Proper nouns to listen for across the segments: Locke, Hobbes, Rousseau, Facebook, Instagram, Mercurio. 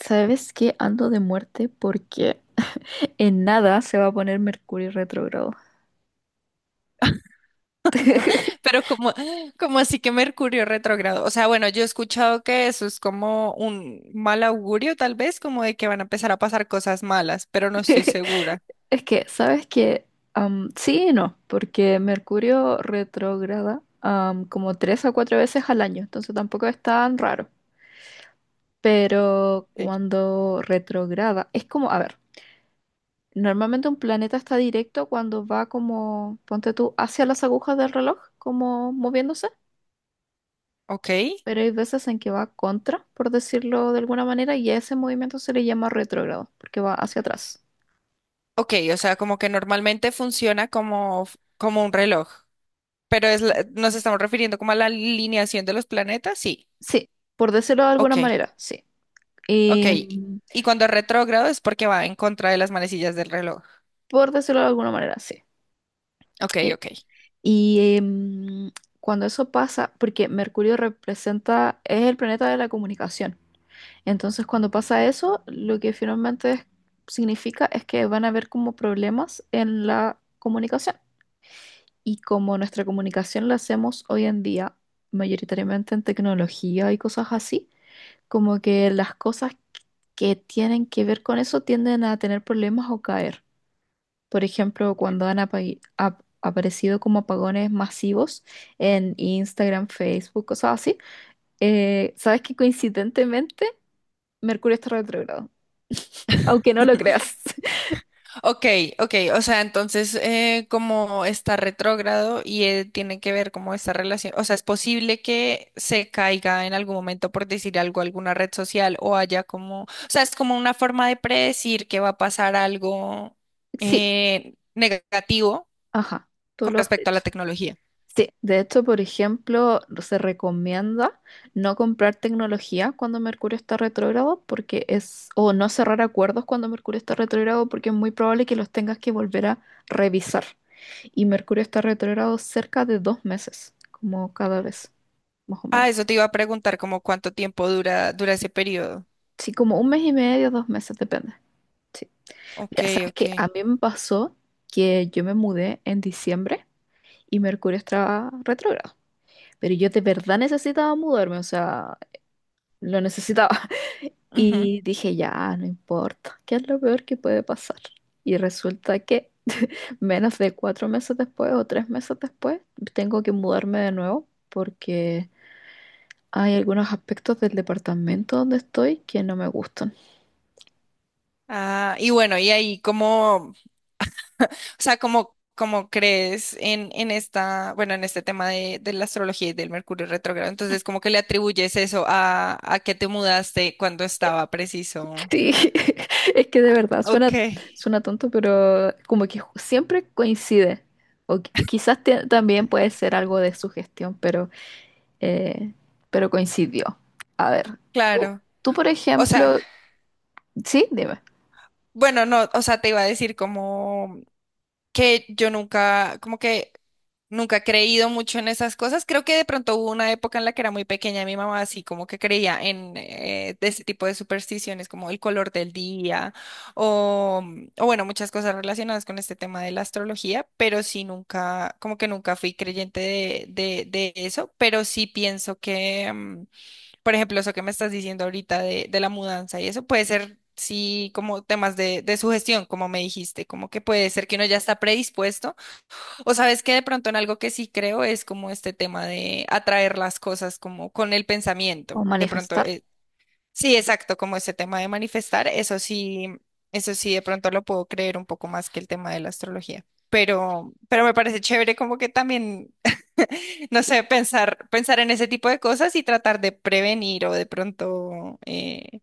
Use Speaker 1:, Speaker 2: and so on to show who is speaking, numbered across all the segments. Speaker 1: ¿Sabes qué? Ando de muerte porque en nada se va a poner Mercurio retrógrado.
Speaker 2: Pero como así que Mercurio retrógrado. O sea, bueno, yo he escuchado que eso es como un mal augurio, tal vez, como de que van a empezar a pasar cosas malas, pero no estoy segura.
Speaker 1: Es que, ¿sabes qué? Sí y no, porque Mercurio retrograda como tres a cuatro veces al año, entonces tampoco es tan raro. Pero
Speaker 2: Ok.
Speaker 1: cuando retrograda, es como, a ver, normalmente un planeta está directo cuando va como, ponte tú, hacia las agujas del reloj, como moviéndose,
Speaker 2: Ok,
Speaker 1: pero hay veces en que va contra, por decirlo de alguna manera, y a ese movimiento se le llama retrógrado, porque va hacia atrás.
Speaker 2: ok, o sea, como que normalmente funciona como, como un reloj, pero nos estamos refiriendo como a la alineación de los planetas, sí.
Speaker 1: Sí, por decirlo de alguna
Speaker 2: Ok,
Speaker 1: manera, sí.
Speaker 2: ok.
Speaker 1: Em,
Speaker 2: Y cuando es retrógrado es porque va en contra de las manecillas del reloj.
Speaker 1: por decirlo de alguna manera, sí.
Speaker 2: Ok,
Speaker 1: Eh,
Speaker 2: ok.
Speaker 1: y cuando eso pasa, porque Mercurio representa, es el planeta de la comunicación. Entonces, cuando pasa eso, lo que finalmente significa es que van a haber como problemas en la comunicación. Y como nuestra comunicación la hacemos hoy en día, mayoritariamente en tecnología y cosas así, como que las cosas que tienen que ver con eso tienden a tener problemas o caer. Por ejemplo, cuando han aparecido como apagones masivos en Instagram, Facebook, cosas así, sabes que coincidentemente Mercurio está retrógrado, aunque no lo creas.
Speaker 2: Ok, ok, o sea, entonces como está retrógrado y tiene que ver como esta relación, o sea, es posible que se caiga en algún momento por decir algo alguna red social o haya como, o sea, es como una forma de predecir que va a pasar algo
Speaker 1: Sí,
Speaker 2: negativo
Speaker 1: ajá, tú
Speaker 2: con
Speaker 1: lo has
Speaker 2: respecto a la
Speaker 1: dicho.
Speaker 2: tecnología.
Speaker 1: Sí, de hecho, por ejemplo, se recomienda no comprar tecnología cuando Mercurio está retrógrado porque es, o no cerrar acuerdos cuando Mercurio está retrógrado porque es muy probable que los tengas que volver a revisar. Y Mercurio está retrógrado cerca de 2 meses, como cada vez, más o
Speaker 2: Ah,
Speaker 1: menos.
Speaker 2: eso te iba a preguntar como cuánto tiempo dura ese periodo.
Speaker 1: Sí, como un mes y medio, 2 meses, depende. Sí.
Speaker 2: Ok,
Speaker 1: Mira, sabes
Speaker 2: ok.
Speaker 1: que a mí me pasó que yo me mudé en diciembre y Mercurio estaba retrógrado. Pero yo de verdad necesitaba mudarme, o sea, lo necesitaba.
Speaker 2: Ujú.
Speaker 1: Y dije, ya, no importa, ¿qué es lo peor que puede pasar? Y resulta que menos de 4 meses después o 3 meses después, tengo que mudarme de nuevo porque hay algunos aspectos del departamento donde estoy que no me gustan.
Speaker 2: Ah, y bueno, y ahí como. O sea, ¿cómo crees en esta, bueno, en este tema de la astrología y del Mercurio retrógrado? Entonces, ¿cómo que le atribuyes eso a que te mudaste cuando estaba preciso?
Speaker 1: Sí, es que de verdad
Speaker 2: Ok,
Speaker 1: suena, suena tonto, pero como que siempre coincide. O quizás también puede ser algo de sugestión, eh, pero coincidió. A ver, tú,
Speaker 2: claro.
Speaker 1: tú, por
Speaker 2: O sea,
Speaker 1: ejemplo, sí, dime,
Speaker 2: bueno, no, o sea, te iba a decir como que yo nunca, como que nunca he creído mucho en esas cosas. Creo que de pronto hubo una época en la que era muy pequeña, mi mamá así como que creía en de ese tipo de supersticiones como el color del día o, o bueno, muchas cosas relacionadas con este tema de la astrología, pero sí nunca, como que nunca fui creyente de, de eso, pero sí pienso que, por ejemplo, eso que me estás diciendo ahorita de, la mudanza y eso puede ser, sí, como temas de, sugestión, como me dijiste, como que puede ser que uno ya está predispuesto, o sabes que de pronto en algo que sí creo es como este tema de atraer las cosas como con el
Speaker 1: o
Speaker 2: pensamiento, de pronto
Speaker 1: manifestar.
Speaker 2: eh, Sí, exacto, como ese tema de manifestar, eso sí, de pronto lo puedo creer un poco más que el tema de la astrología. Pero me parece chévere como que también, no sé, pensar, pensar en ese tipo de cosas y tratar de prevenir o de pronto,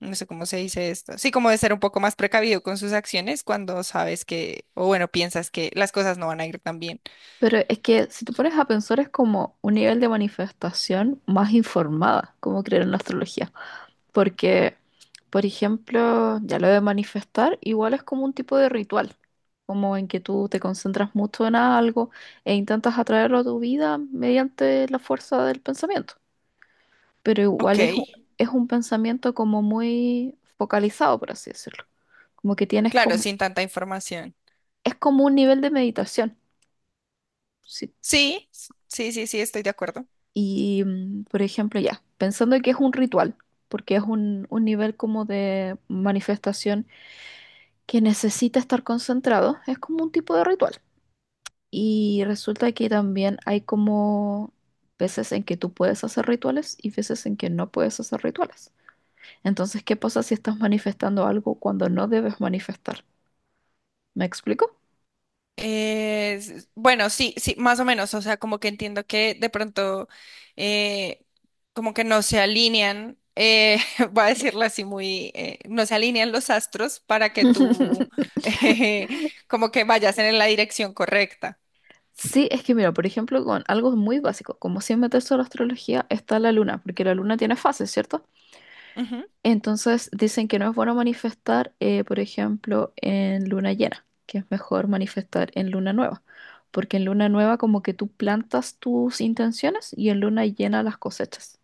Speaker 2: no sé cómo se dice esto, sí, como de ser un poco más precavido con sus acciones cuando sabes que, o bueno, piensas que las cosas no van a ir tan bien.
Speaker 1: Pero es que si tú pones a pensar es como un nivel de manifestación más informada, como creer en la astrología. Porque, por ejemplo, ya lo de manifestar igual es como un tipo de ritual, como en que tú te concentras mucho en algo e intentas atraerlo a tu vida mediante la fuerza del pensamiento. Pero
Speaker 2: Ok,
Speaker 1: igual es, es un pensamiento como muy focalizado, por así decirlo. Como que tienes
Speaker 2: claro,
Speaker 1: como,
Speaker 2: sin tanta información.
Speaker 1: es como un nivel de meditación. Si.
Speaker 2: Sí, sí, sí, sí, estoy de acuerdo.
Speaker 1: Y, por ejemplo, ya, pensando que es un ritual, porque es un nivel como de manifestación que necesita estar concentrado, es como un tipo de ritual. Y resulta que también hay como veces en que tú puedes hacer rituales y veces en que no puedes hacer rituales. Entonces, ¿qué pasa si estás manifestando algo cuando no debes manifestar? ¿Me explico?
Speaker 2: Bueno, sí, sí, más o menos, o sea, como que entiendo que de pronto eh, como que no se alinean, voy a decirlo así muy, no se alinean los astros para que tú como que vayas en la dirección correcta.
Speaker 1: Sí, es que mira, por ejemplo, con algo muy básico, como sin meterse a la astrología, está la luna, porque la luna tiene fases, ¿cierto?
Speaker 2: Ujú.
Speaker 1: Entonces dicen que no es bueno manifestar, por ejemplo, en luna llena, que es mejor manifestar en luna nueva, porque en luna nueva como que tú plantas tus intenciones y en luna llena las cosechas.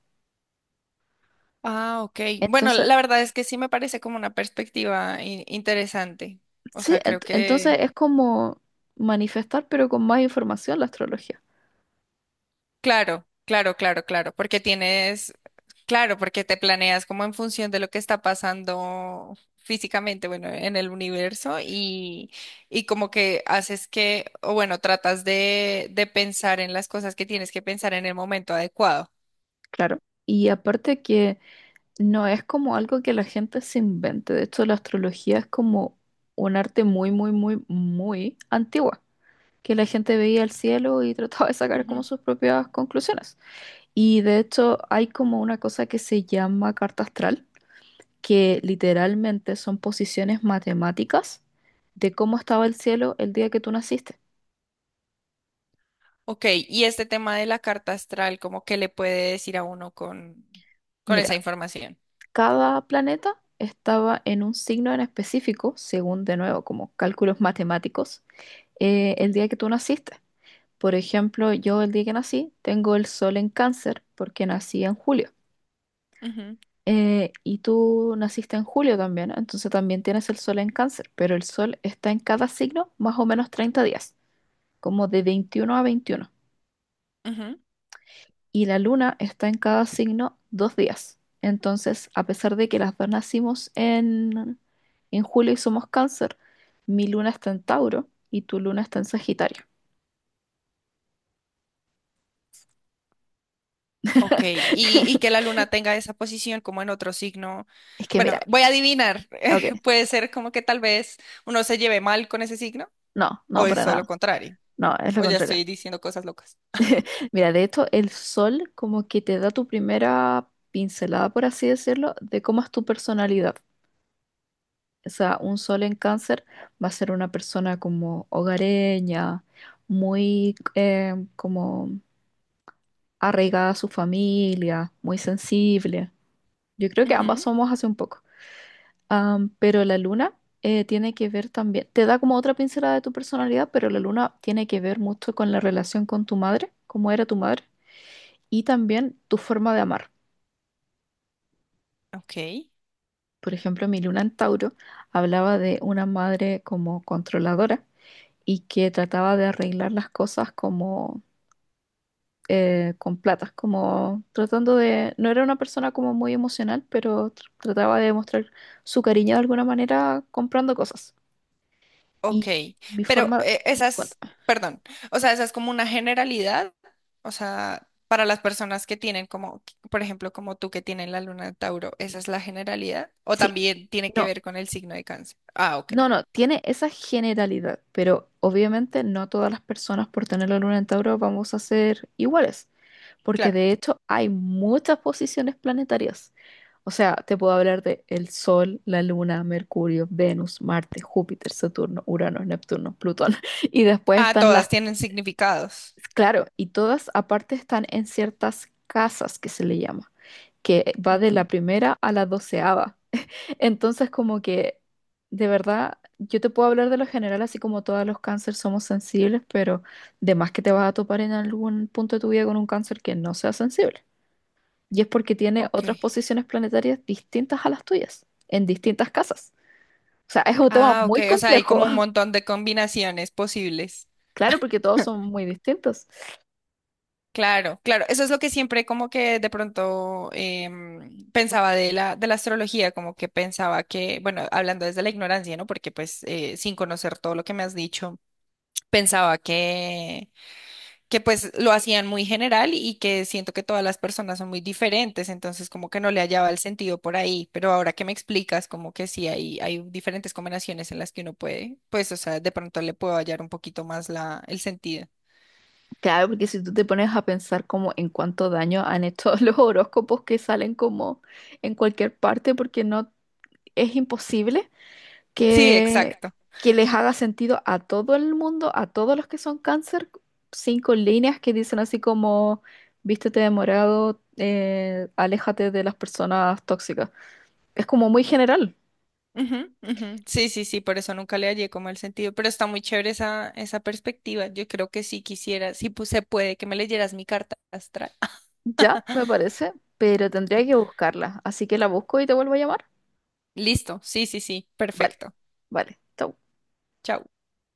Speaker 2: Ah, ok. Bueno,
Speaker 1: Entonces,
Speaker 2: la verdad es que sí me parece como una perspectiva interesante. O
Speaker 1: sí,
Speaker 2: sea, creo que.
Speaker 1: entonces es como manifestar, pero con más información la astrología,
Speaker 2: Claro, claro, claro, claro, porque tienes, claro, porque te planeas como en función de lo que está pasando físicamente, bueno, en el universo y como que haces que, o bueno, tratas de, pensar en las cosas que tienes que pensar en el momento adecuado.
Speaker 1: claro. Y aparte que no es como algo que la gente se invente, de hecho la astrología es como un arte muy, muy, muy, muy antigua, que la gente veía el cielo y trataba de sacar como
Speaker 2: Ujú.
Speaker 1: sus propias conclusiones. Y de hecho hay como una cosa que se llama carta astral, que literalmente son posiciones matemáticas de cómo estaba el cielo el día que tú naciste.
Speaker 2: Ok, y este tema de la carta astral, ¿como que le puede decir a uno con con
Speaker 1: Mira,
Speaker 2: esa información?
Speaker 1: cada planeta estaba en un signo en específico, según de nuevo, como cálculos matemáticos, el día que tú naciste. Por ejemplo, yo el día que nací tengo el sol en cáncer porque nací en julio.
Speaker 2: Ujú,
Speaker 1: Y tú naciste en julio también, ¿no? Entonces también tienes el sol en cáncer, pero el sol está en cada signo más o menos 30 días, como de 21 a 21.
Speaker 2: ujú.
Speaker 1: Y la luna está en cada signo 2 días. Entonces, a pesar de que las dos nacimos en julio y somos cáncer, mi luna está en Tauro y tu luna está en Sagitario.
Speaker 2: Ok, y que la luna tenga esa posición como en otro signo.
Speaker 1: Es que
Speaker 2: Bueno,
Speaker 1: mira,
Speaker 2: voy a adivinar. eh,
Speaker 1: ok,
Speaker 2: Puede ser como que tal vez uno se lleve mal con ese signo,
Speaker 1: no,
Speaker 2: o
Speaker 1: no
Speaker 2: es
Speaker 1: para nada,
Speaker 2: solo contrario,
Speaker 1: no, es lo
Speaker 2: o ya
Speaker 1: contrario.
Speaker 2: estoy diciendo cosas locas.
Speaker 1: Mira, de hecho, el sol como que te da tu primera pincelada, por así decirlo, de cómo es tu personalidad. O sea, un sol en cáncer va a ser una persona como hogareña, muy como arraigada a su familia, muy sensible. Yo creo que ambas
Speaker 2: Ujú.
Speaker 1: somos hace un poco. Pero la luna tiene que ver también, te da como otra pincelada de tu personalidad, pero la luna tiene que ver mucho con la relación con tu madre, cómo era tu madre, y también tu forma de amar.
Speaker 2: Ok,
Speaker 1: Por ejemplo, mi luna en Tauro hablaba de una madre como controladora y que trataba de arreglar las cosas como con platas, como tratando de, no era una persona como muy emocional, pero trataba de demostrar su cariño de alguna manera comprando cosas.
Speaker 2: ok.
Speaker 1: Y mi
Speaker 2: Pero
Speaker 1: forma,
Speaker 2: esas,
Speaker 1: cuéntame.
Speaker 2: perdón, o sea, esa es como una generalidad, o sea, para las personas que tienen como, por ejemplo, como tú que tienen la luna de Tauro, ¿esa es la generalidad? ¿O
Speaker 1: Sí,
Speaker 2: también tiene que
Speaker 1: no,
Speaker 2: ver con el signo de cáncer? Ah, ok,
Speaker 1: no, no, tiene esa generalidad, pero obviamente no todas las personas por tener la luna en Tauro vamos a ser iguales, porque
Speaker 2: claro.
Speaker 1: de hecho hay muchas posiciones planetarias. O sea, te puedo hablar de el Sol, la Luna, Mercurio, Venus, Marte, Júpiter, Saturno, Urano, Neptuno, Plutón. Y después
Speaker 2: Ah,
Speaker 1: están las,
Speaker 2: todas tienen significados.
Speaker 1: claro, y todas aparte están en ciertas casas que se le llama, que va de la
Speaker 2: Ujú.
Speaker 1: primera a la doceava. Entonces, como que, de verdad, yo te puedo hablar de lo general, así como todos los cánceres somos sensibles, pero de más que te vas a topar en algún punto de tu vida con un cáncer que no sea sensible, y es porque tiene
Speaker 2: Ok.
Speaker 1: otras posiciones planetarias distintas a las tuyas, en distintas casas. O sea, es un tema
Speaker 2: Ah, ok.
Speaker 1: muy
Speaker 2: O sea, hay
Speaker 1: complejo.
Speaker 2: como un montón de combinaciones posibles.
Speaker 1: Claro, porque todos son muy distintos.
Speaker 2: Claro, claro. Eso es lo que siempre como que de pronto pensaba de la astrología, como que pensaba que, bueno, hablando desde la ignorancia, ¿no? Porque pues sin conocer todo lo que me has dicho, pensaba que pues lo hacían muy general y que siento que todas las personas son muy diferentes, entonces como que no le hallaba el sentido por ahí, pero ahora que me explicas como que sí hay, diferentes combinaciones en las que uno puede, pues o sea, de pronto le puedo hallar un poquito más la, el sentido.
Speaker 1: Claro, porque si tú te pones a pensar como en cuánto daño han hecho los horóscopos que salen como en cualquier parte, porque no es imposible
Speaker 2: Sí,
Speaker 1: que,
Speaker 2: exacto.
Speaker 1: les haga sentido a todo el mundo, a todos los que son cáncer, cinco líneas que dicen así como, vístete de morado, aléjate de las personas tóxicas. Es como muy general.
Speaker 2: Ujú, ujú. Sí, sí, sí, por eso nunca le hallé como el sentido, pero está muy chévere esa perspectiva. Yo creo que sí quisiera, sí pues, se puede que me leyeras mi carta astral.
Speaker 1: Ya, me parece, pero tendría que buscarla. Así que la busco y te vuelvo a llamar.
Speaker 2: Listo, sí, sí, sí,
Speaker 1: Vale,
Speaker 2: perfecto.
Speaker 1: vale, chau.
Speaker 2: Chao.